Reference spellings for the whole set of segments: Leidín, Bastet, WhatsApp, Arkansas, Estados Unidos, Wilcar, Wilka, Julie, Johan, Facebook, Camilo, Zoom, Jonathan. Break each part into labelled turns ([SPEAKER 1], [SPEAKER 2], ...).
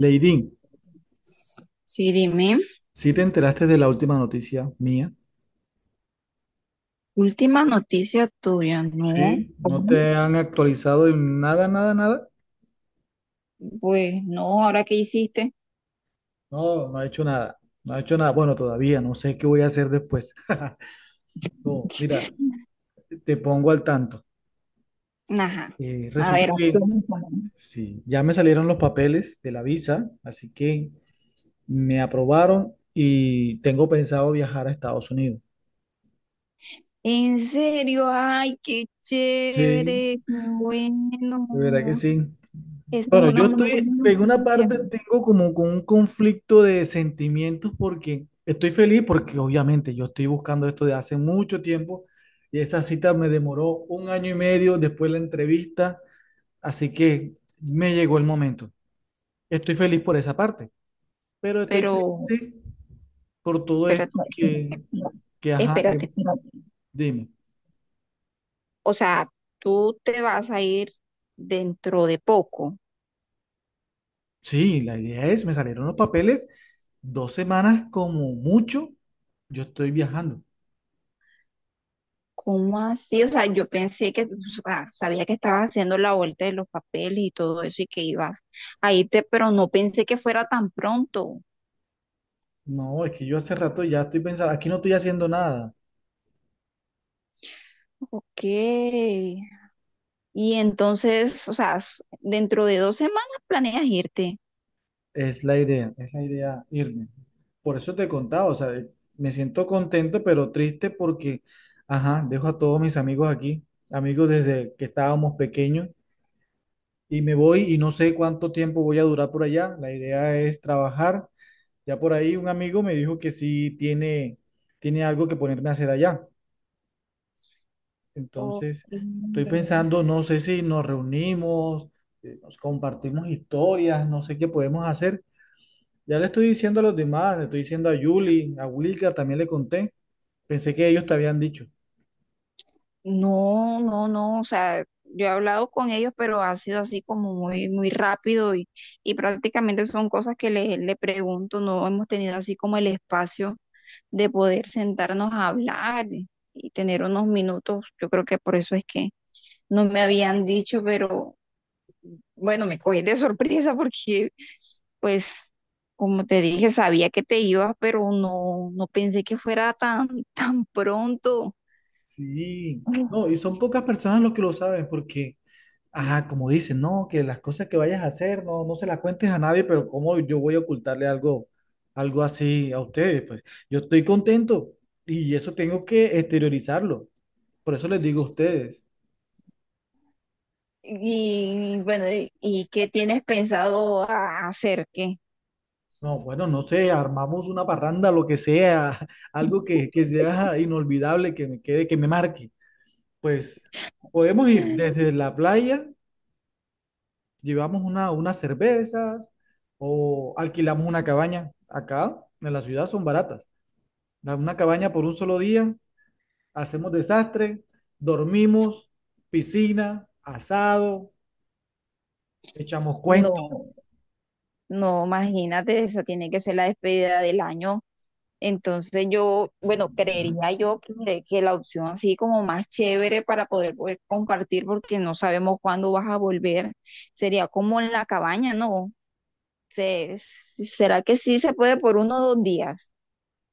[SPEAKER 1] Leidín,
[SPEAKER 2] Sí, dime,
[SPEAKER 1] ¿sí te enteraste de la última noticia mía?
[SPEAKER 2] última noticia tuya, ¿no?
[SPEAKER 1] Sí, ¿no
[SPEAKER 2] Ujú.
[SPEAKER 1] te han actualizado en nada, nada, nada?
[SPEAKER 2] Pues no, ¿ahora qué hiciste?
[SPEAKER 1] No, no ha hecho nada. No ha hecho nada. Bueno, todavía no sé qué voy a hacer después. No, mira, te pongo al tanto.
[SPEAKER 2] Ajá, a
[SPEAKER 1] Resulta
[SPEAKER 2] ver.
[SPEAKER 1] que
[SPEAKER 2] Cuéntame.
[SPEAKER 1] sí, ya me salieron los papeles de la visa, así que me aprobaron y tengo pensado viajar a Estados Unidos.
[SPEAKER 2] ¿En serio? Ay, qué
[SPEAKER 1] Sí,
[SPEAKER 2] chévere, qué
[SPEAKER 1] de verdad que
[SPEAKER 2] bueno.
[SPEAKER 1] sí.
[SPEAKER 2] Eso es
[SPEAKER 1] Bueno,
[SPEAKER 2] una
[SPEAKER 1] yo
[SPEAKER 2] muy
[SPEAKER 1] estoy,
[SPEAKER 2] buena
[SPEAKER 1] en una
[SPEAKER 2] noticia.
[SPEAKER 1] parte tengo como con un conflicto de sentimientos porque estoy feliz porque obviamente yo estoy buscando esto de hace mucho tiempo y esa cita me demoró un año y medio después de la entrevista, así que me llegó el momento. Estoy feliz por esa parte, pero estoy
[SPEAKER 2] Pero,
[SPEAKER 1] triste por todo esto
[SPEAKER 2] espérate, no, espérate,
[SPEAKER 1] que,
[SPEAKER 2] no,
[SPEAKER 1] que ajá,
[SPEAKER 2] espérate. Espérate.
[SPEAKER 1] dime.
[SPEAKER 2] O sea, tú te vas a ir dentro de poco.
[SPEAKER 1] Sí, la idea es, me salieron los papeles 2 semanas como mucho, yo estoy viajando.
[SPEAKER 2] ¿Cómo así? O sea, yo pensé que, o sea, sabía que estabas haciendo la vuelta de los papeles y todo eso y que ibas a irte, pero no pensé que fuera tan pronto.
[SPEAKER 1] No, es que yo hace rato ya estoy pensando, aquí no estoy haciendo nada.
[SPEAKER 2] Ok. Y entonces, o sea, dentro de 2 semanas planeas irte.
[SPEAKER 1] Es la idea irme. Por eso te he contado, o sea, me siento contento, pero triste porque, ajá, dejo a todos mis amigos aquí, amigos desde que estábamos pequeños, y me voy y no sé cuánto tiempo voy a durar por allá. La idea es trabajar. Ya por ahí un amigo me dijo que sí tiene algo que ponerme a hacer allá.
[SPEAKER 2] Ok.
[SPEAKER 1] Entonces, estoy pensando, no sé si nos reunimos, nos compartimos historias, no sé qué podemos hacer. Ya le estoy diciendo a los demás, le estoy diciendo a Julie, a Wilka, también le conté. Pensé que ellos te habían dicho.
[SPEAKER 2] No, no, no, o sea, yo he hablado con ellos, pero ha sido así como muy, muy rápido y prácticamente son cosas que le pregunto, no hemos tenido así como el espacio de poder sentarnos a hablar y tener unos minutos. Yo creo que por eso es que no me habían dicho, pero bueno, me cogí de sorpresa porque, pues, como te dije, sabía que te ibas, pero no, no pensé que fuera tan, tan pronto.
[SPEAKER 1] Sí, no, y son pocas personas los que lo saben, porque, ajá, como dicen, no, que las cosas que vayas a hacer, no, no se las cuentes a nadie, pero ¿cómo yo voy a ocultarle algo, algo así a ustedes? Pues yo estoy contento y eso tengo que exteriorizarlo. Por eso les digo a ustedes.
[SPEAKER 2] Y bueno, ¿y qué tienes pensado hacer? ¿Qué?
[SPEAKER 1] No, bueno, no sé, armamos una parranda, lo que sea, algo que sea inolvidable, que me quede, que me marque. Pues podemos ir desde la playa, llevamos unas cervezas o alquilamos una cabaña. Acá en la ciudad son baratas. Da una cabaña por un solo día, hacemos desastre, dormimos, piscina, asado, echamos cuentos,
[SPEAKER 2] No, no, imagínate, esa tiene que ser la despedida del año. Entonces yo, bueno, creería yo que la opción así como más chévere para poder compartir, porque no sabemos cuándo vas a volver, sería como en la cabaña, ¿no? ¿Será que sí se puede por uno o dos días?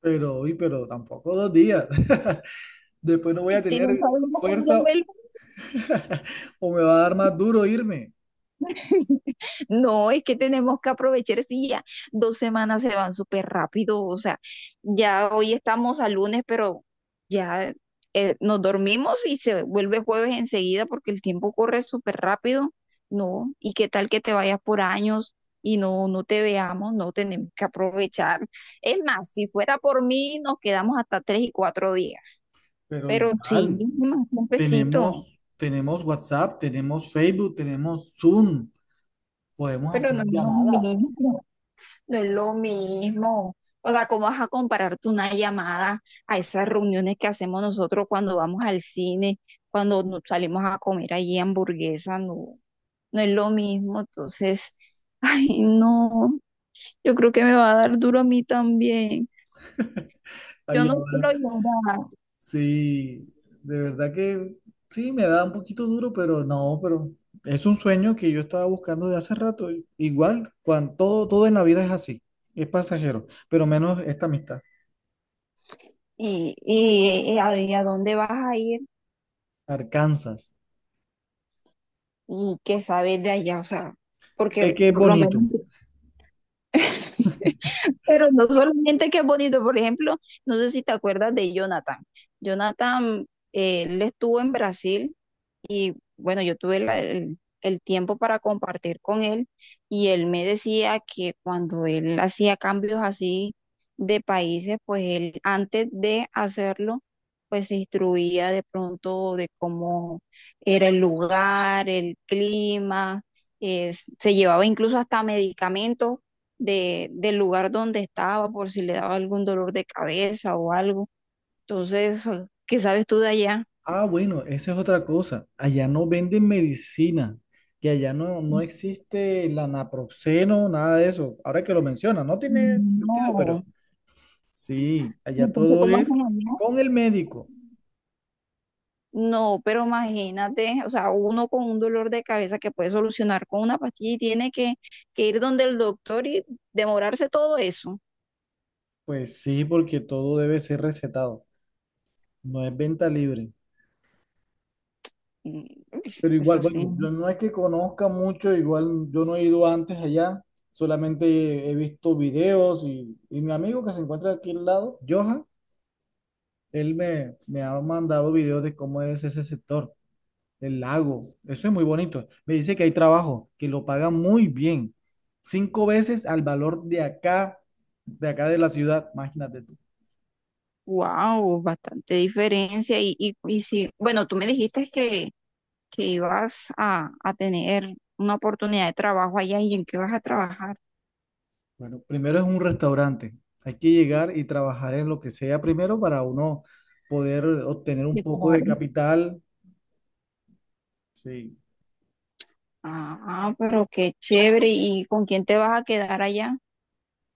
[SPEAKER 1] pero, uy, pero tampoco 2 días. Después no voy a
[SPEAKER 2] Si no
[SPEAKER 1] tener
[SPEAKER 2] sabemos cuándo
[SPEAKER 1] fuerza.
[SPEAKER 2] vuelvo,
[SPEAKER 1] O me va a dar más duro irme,
[SPEAKER 2] No, es que tenemos que aprovechar, sí, ya 2 semanas se van súper rápido, o sea, ya hoy estamos a lunes, pero ya nos dormimos y se vuelve jueves enseguida porque el tiempo corre súper rápido, ¿no? ¿Y qué tal que te vayas por años y no, no te veamos? No, tenemos que aprovechar. Es más, si fuera por mí, nos quedamos hasta 3 y 4 días,
[SPEAKER 1] pero
[SPEAKER 2] pero sí,
[SPEAKER 1] igual,
[SPEAKER 2] más un besito,
[SPEAKER 1] tenemos WhatsApp, tenemos Facebook, tenemos Zoom, podemos
[SPEAKER 2] pero
[SPEAKER 1] hacer
[SPEAKER 2] no nos
[SPEAKER 1] llamadas.
[SPEAKER 2] unimos. No es lo mismo. O sea, ¿cómo vas a compararte una llamada a esas reuniones que hacemos nosotros cuando vamos al cine, cuando nos salimos a comer allí hamburguesa? No, no es lo mismo. Entonces, ay, no, yo creo que me va a dar duro a mí también. Yo
[SPEAKER 1] Ay,
[SPEAKER 2] no
[SPEAKER 1] ahora,
[SPEAKER 2] quiero llorar.
[SPEAKER 1] sí, de verdad que sí, me da un poquito duro, pero no, pero es un sueño que yo estaba buscando de hace rato. Igual, cuando todo, todo en la vida es así, es pasajero, pero menos esta amistad.
[SPEAKER 2] ¿Y a dónde vas a ir?
[SPEAKER 1] Arkansas.
[SPEAKER 2] ¿Y qué sabes de allá? O sea,
[SPEAKER 1] Sé
[SPEAKER 2] porque
[SPEAKER 1] que es
[SPEAKER 2] por lo menos...
[SPEAKER 1] bonito.
[SPEAKER 2] Pero no solamente que es bonito, por ejemplo, no sé si te acuerdas de Jonathan. Jonathan, él estuvo en Brasil y bueno, yo tuve el tiempo para compartir con él y él me decía que cuando él hacía cambios así de países, pues él antes de hacerlo, pues se instruía de pronto de cómo era el lugar, el clima, se llevaba incluso hasta medicamentos del lugar donde estaba por si le daba algún dolor de cabeza o algo. Entonces, ¿qué sabes tú de allá?
[SPEAKER 1] Ah, bueno, esa es otra cosa. Allá no venden medicina, que allá no, no existe el naproxeno, nada de eso. Ahora que lo menciona, no tiene sentido, pero
[SPEAKER 2] No.
[SPEAKER 1] sí,
[SPEAKER 2] Y
[SPEAKER 1] allá
[SPEAKER 2] entonces,
[SPEAKER 1] todo
[SPEAKER 2] ¿cómo
[SPEAKER 1] es
[SPEAKER 2] hacen allá?
[SPEAKER 1] con el médico.
[SPEAKER 2] No, pero imagínate, o sea, uno con un dolor de cabeza que puede solucionar con una pastilla y tiene que ir donde el doctor y demorarse todo eso.
[SPEAKER 1] Pues sí, porque todo debe ser recetado, no es venta libre.
[SPEAKER 2] Y
[SPEAKER 1] Pero
[SPEAKER 2] eso
[SPEAKER 1] igual, bueno,
[SPEAKER 2] sí,
[SPEAKER 1] yo no es que conozca mucho, igual yo no he ido antes allá, solamente he visto videos y mi amigo que se encuentra aquí al lado, Johan. Él me ha mandado videos de cómo es ese sector, el lago. Eso es muy bonito. Me dice que hay trabajo, que lo pagan muy bien. 5 veces al valor de acá, de la ciudad. Imagínate tú.
[SPEAKER 2] wow, bastante diferencia. Y sí, bueno, tú me dijiste que, ibas a tener una oportunidad de trabajo allá y en qué vas a trabajar.
[SPEAKER 1] Bueno, primero es un restaurante. Hay que llegar y trabajar en lo que sea primero para uno poder obtener un
[SPEAKER 2] Sí,
[SPEAKER 1] poco de
[SPEAKER 2] claro.
[SPEAKER 1] capital. Sí.
[SPEAKER 2] Ah, pero qué chévere. ¿Y con quién te vas a quedar allá?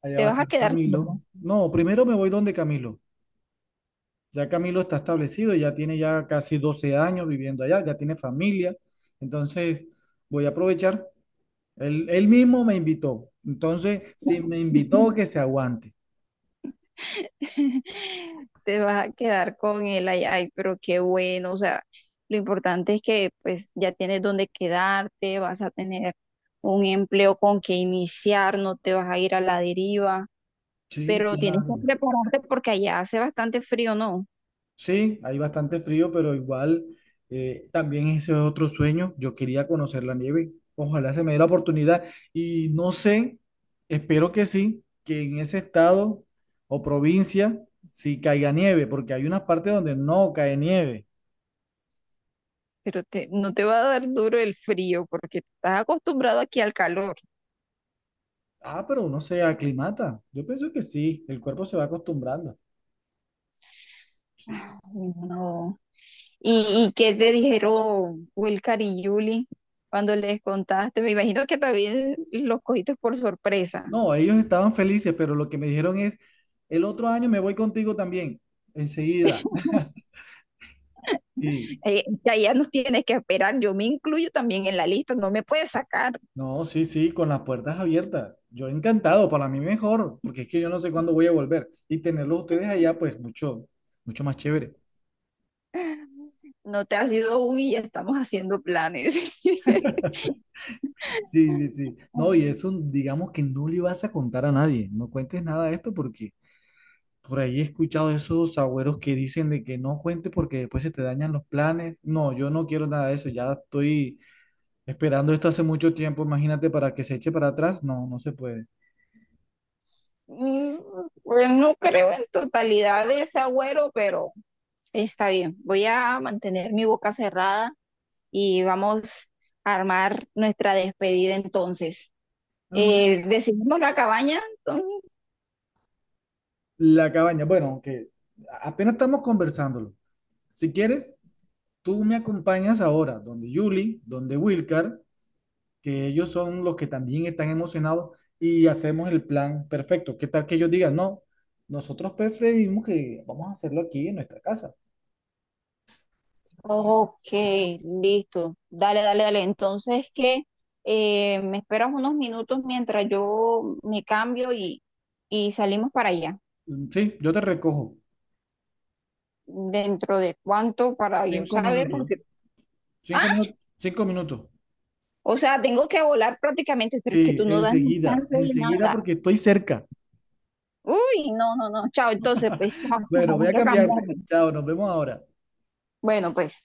[SPEAKER 1] Allá
[SPEAKER 2] ¿Te
[SPEAKER 1] va a
[SPEAKER 2] vas a
[SPEAKER 1] estar
[SPEAKER 2] quedar?
[SPEAKER 1] Camilo.
[SPEAKER 2] sola?
[SPEAKER 1] No, primero me voy donde Camilo. Ya Camilo está establecido, ya tiene ya casi 12 años viviendo allá, ya tiene familia. Entonces, voy a aprovechar. Él mismo me invitó. Entonces, si me invitó, que se aguante.
[SPEAKER 2] Te vas a quedar con el ay, ay, pero qué bueno, o sea, lo importante es que pues ya tienes donde quedarte, vas a tener un empleo con que iniciar, no te vas a ir a la deriva,
[SPEAKER 1] Sí,
[SPEAKER 2] pero tienes que
[SPEAKER 1] claro.
[SPEAKER 2] prepararte porque allá hace bastante frío, ¿no?
[SPEAKER 1] Sí, hay bastante frío, pero igual también ese es otro sueño. Yo quería conocer la nieve. Ojalá se me dé la oportunidad. Y no sé, espero que sí, que en ese estado o provincia sí caiga nieve, porque hay unas partes donde no cae nieve.
[SPEAKER 2] Pero no te va a dar duro el frío porque estás acostumbrado aquí al calor.
[SPEAKER 1] Ah, pero uno se aclimata. Yo pienso que sí, el cuerpo se va acostumbrando. Sí.
[SPEAKER 2] Ay, no. ¿Y qué te dijeron Wilcar y Julie cuando les contaste? Me imagino que también los cogiste por sorpresa.
[SPEAKER 1] No, ellos estaban felices, pero lo que me dijeron es, el otro año me voy contigo también, enseguida. Sí,
[SPEAKER 2] Ya, ya nos tienes que esperar, yo me incluyo también en la lista, no me puedes sacar.
[SPEAKER 1] no, sí, sí, con las puertas abiertas. Yo encantado, para mí mejor, porque es que yo no sé cuándo voy a volver. Y tenerlos ustedes allá, pues mucho, mucho más chévere.
[SPEAKER 2] No te has ido aún y ya estamos haciendo planes.
[SPEAKER 1] Sí, sí, sí. No, y eso, digamos que no le vas a contar a nadie. No cuentes nada de esto porque por ahí he escuchado esos agüeros que dicen de que no cuente porque después se te dañan los planes. No, yo no quiero nada de eso. Ya estoy esperando esto hace mucho tiempo. Imagínate para que se eche para atrás. No, no se puede.
[SPEAKER 2] Mm, Pues no creo en totalidad de ese agüero, pero está bien. Voy a mantener mi boca cerrada y vamos a armar nuestra despedida entonces.
[SPEAKER 1] Mm.
[SPEAKER 2] Decidimos la cabaña, entonces.
[SPEAKER 1] La cabaña. Bueno, aunque apenas estamos conversándolo. Si quieres, tú me acompañas ahora donde Julie, donde Wilcar, que ellos son los que también están emocionados y hacemos el plan perfecto. ¿Qué tal que ellos digan? No, nosotros preferimos que vamos a hacerlo aquí en nuestra casa.
[SPEAKER 2] Ok, listo. Dale, dale, dale. Entonces, ¿qué? Me esperas unos minutos mientras yo me cambio y salimos para allá.
[SPEAKER 1] Sí, yo te recojo.
[SPEAKER 2] ¿Dentro de cuánto para yo
[SPEAKER 1] Cinco
[SPEAKER 2] saber?
[SPEAKER 1] minutos.
[SPEAKER 2] Porque, ah,
[SPEAKER 1] 5 minutos. 5 minutos.
[SPEAKER 2] o sea, tengo que volar prácticamente, pero es que tú
[SPEAKER 1] Sí,
[SPEAKER 2] no das ni chance
[SPEAKER 1] enseguida.
[SPEAKER 2] de
[SPEAKER 1] Enseguida
[SPEAKER 2] nada.
[SPEAKER 1] porque estoy cerca.
[SPEAKER 2] Uy, no, no, no. Chao, entonces, pues, chao,
[SPEAKER 1] Bueno,
[SPEAKER 2] chao,
[SPEAKER 1] voy a
[SPEAKER 2] voy a
[SPEAKER 1] cambiarte.
[SPEAKER 2] cambiarme.
[SPEAKER 1] Chao, nos vemos ahora.
[SPEAKER 2] Bueno, pues.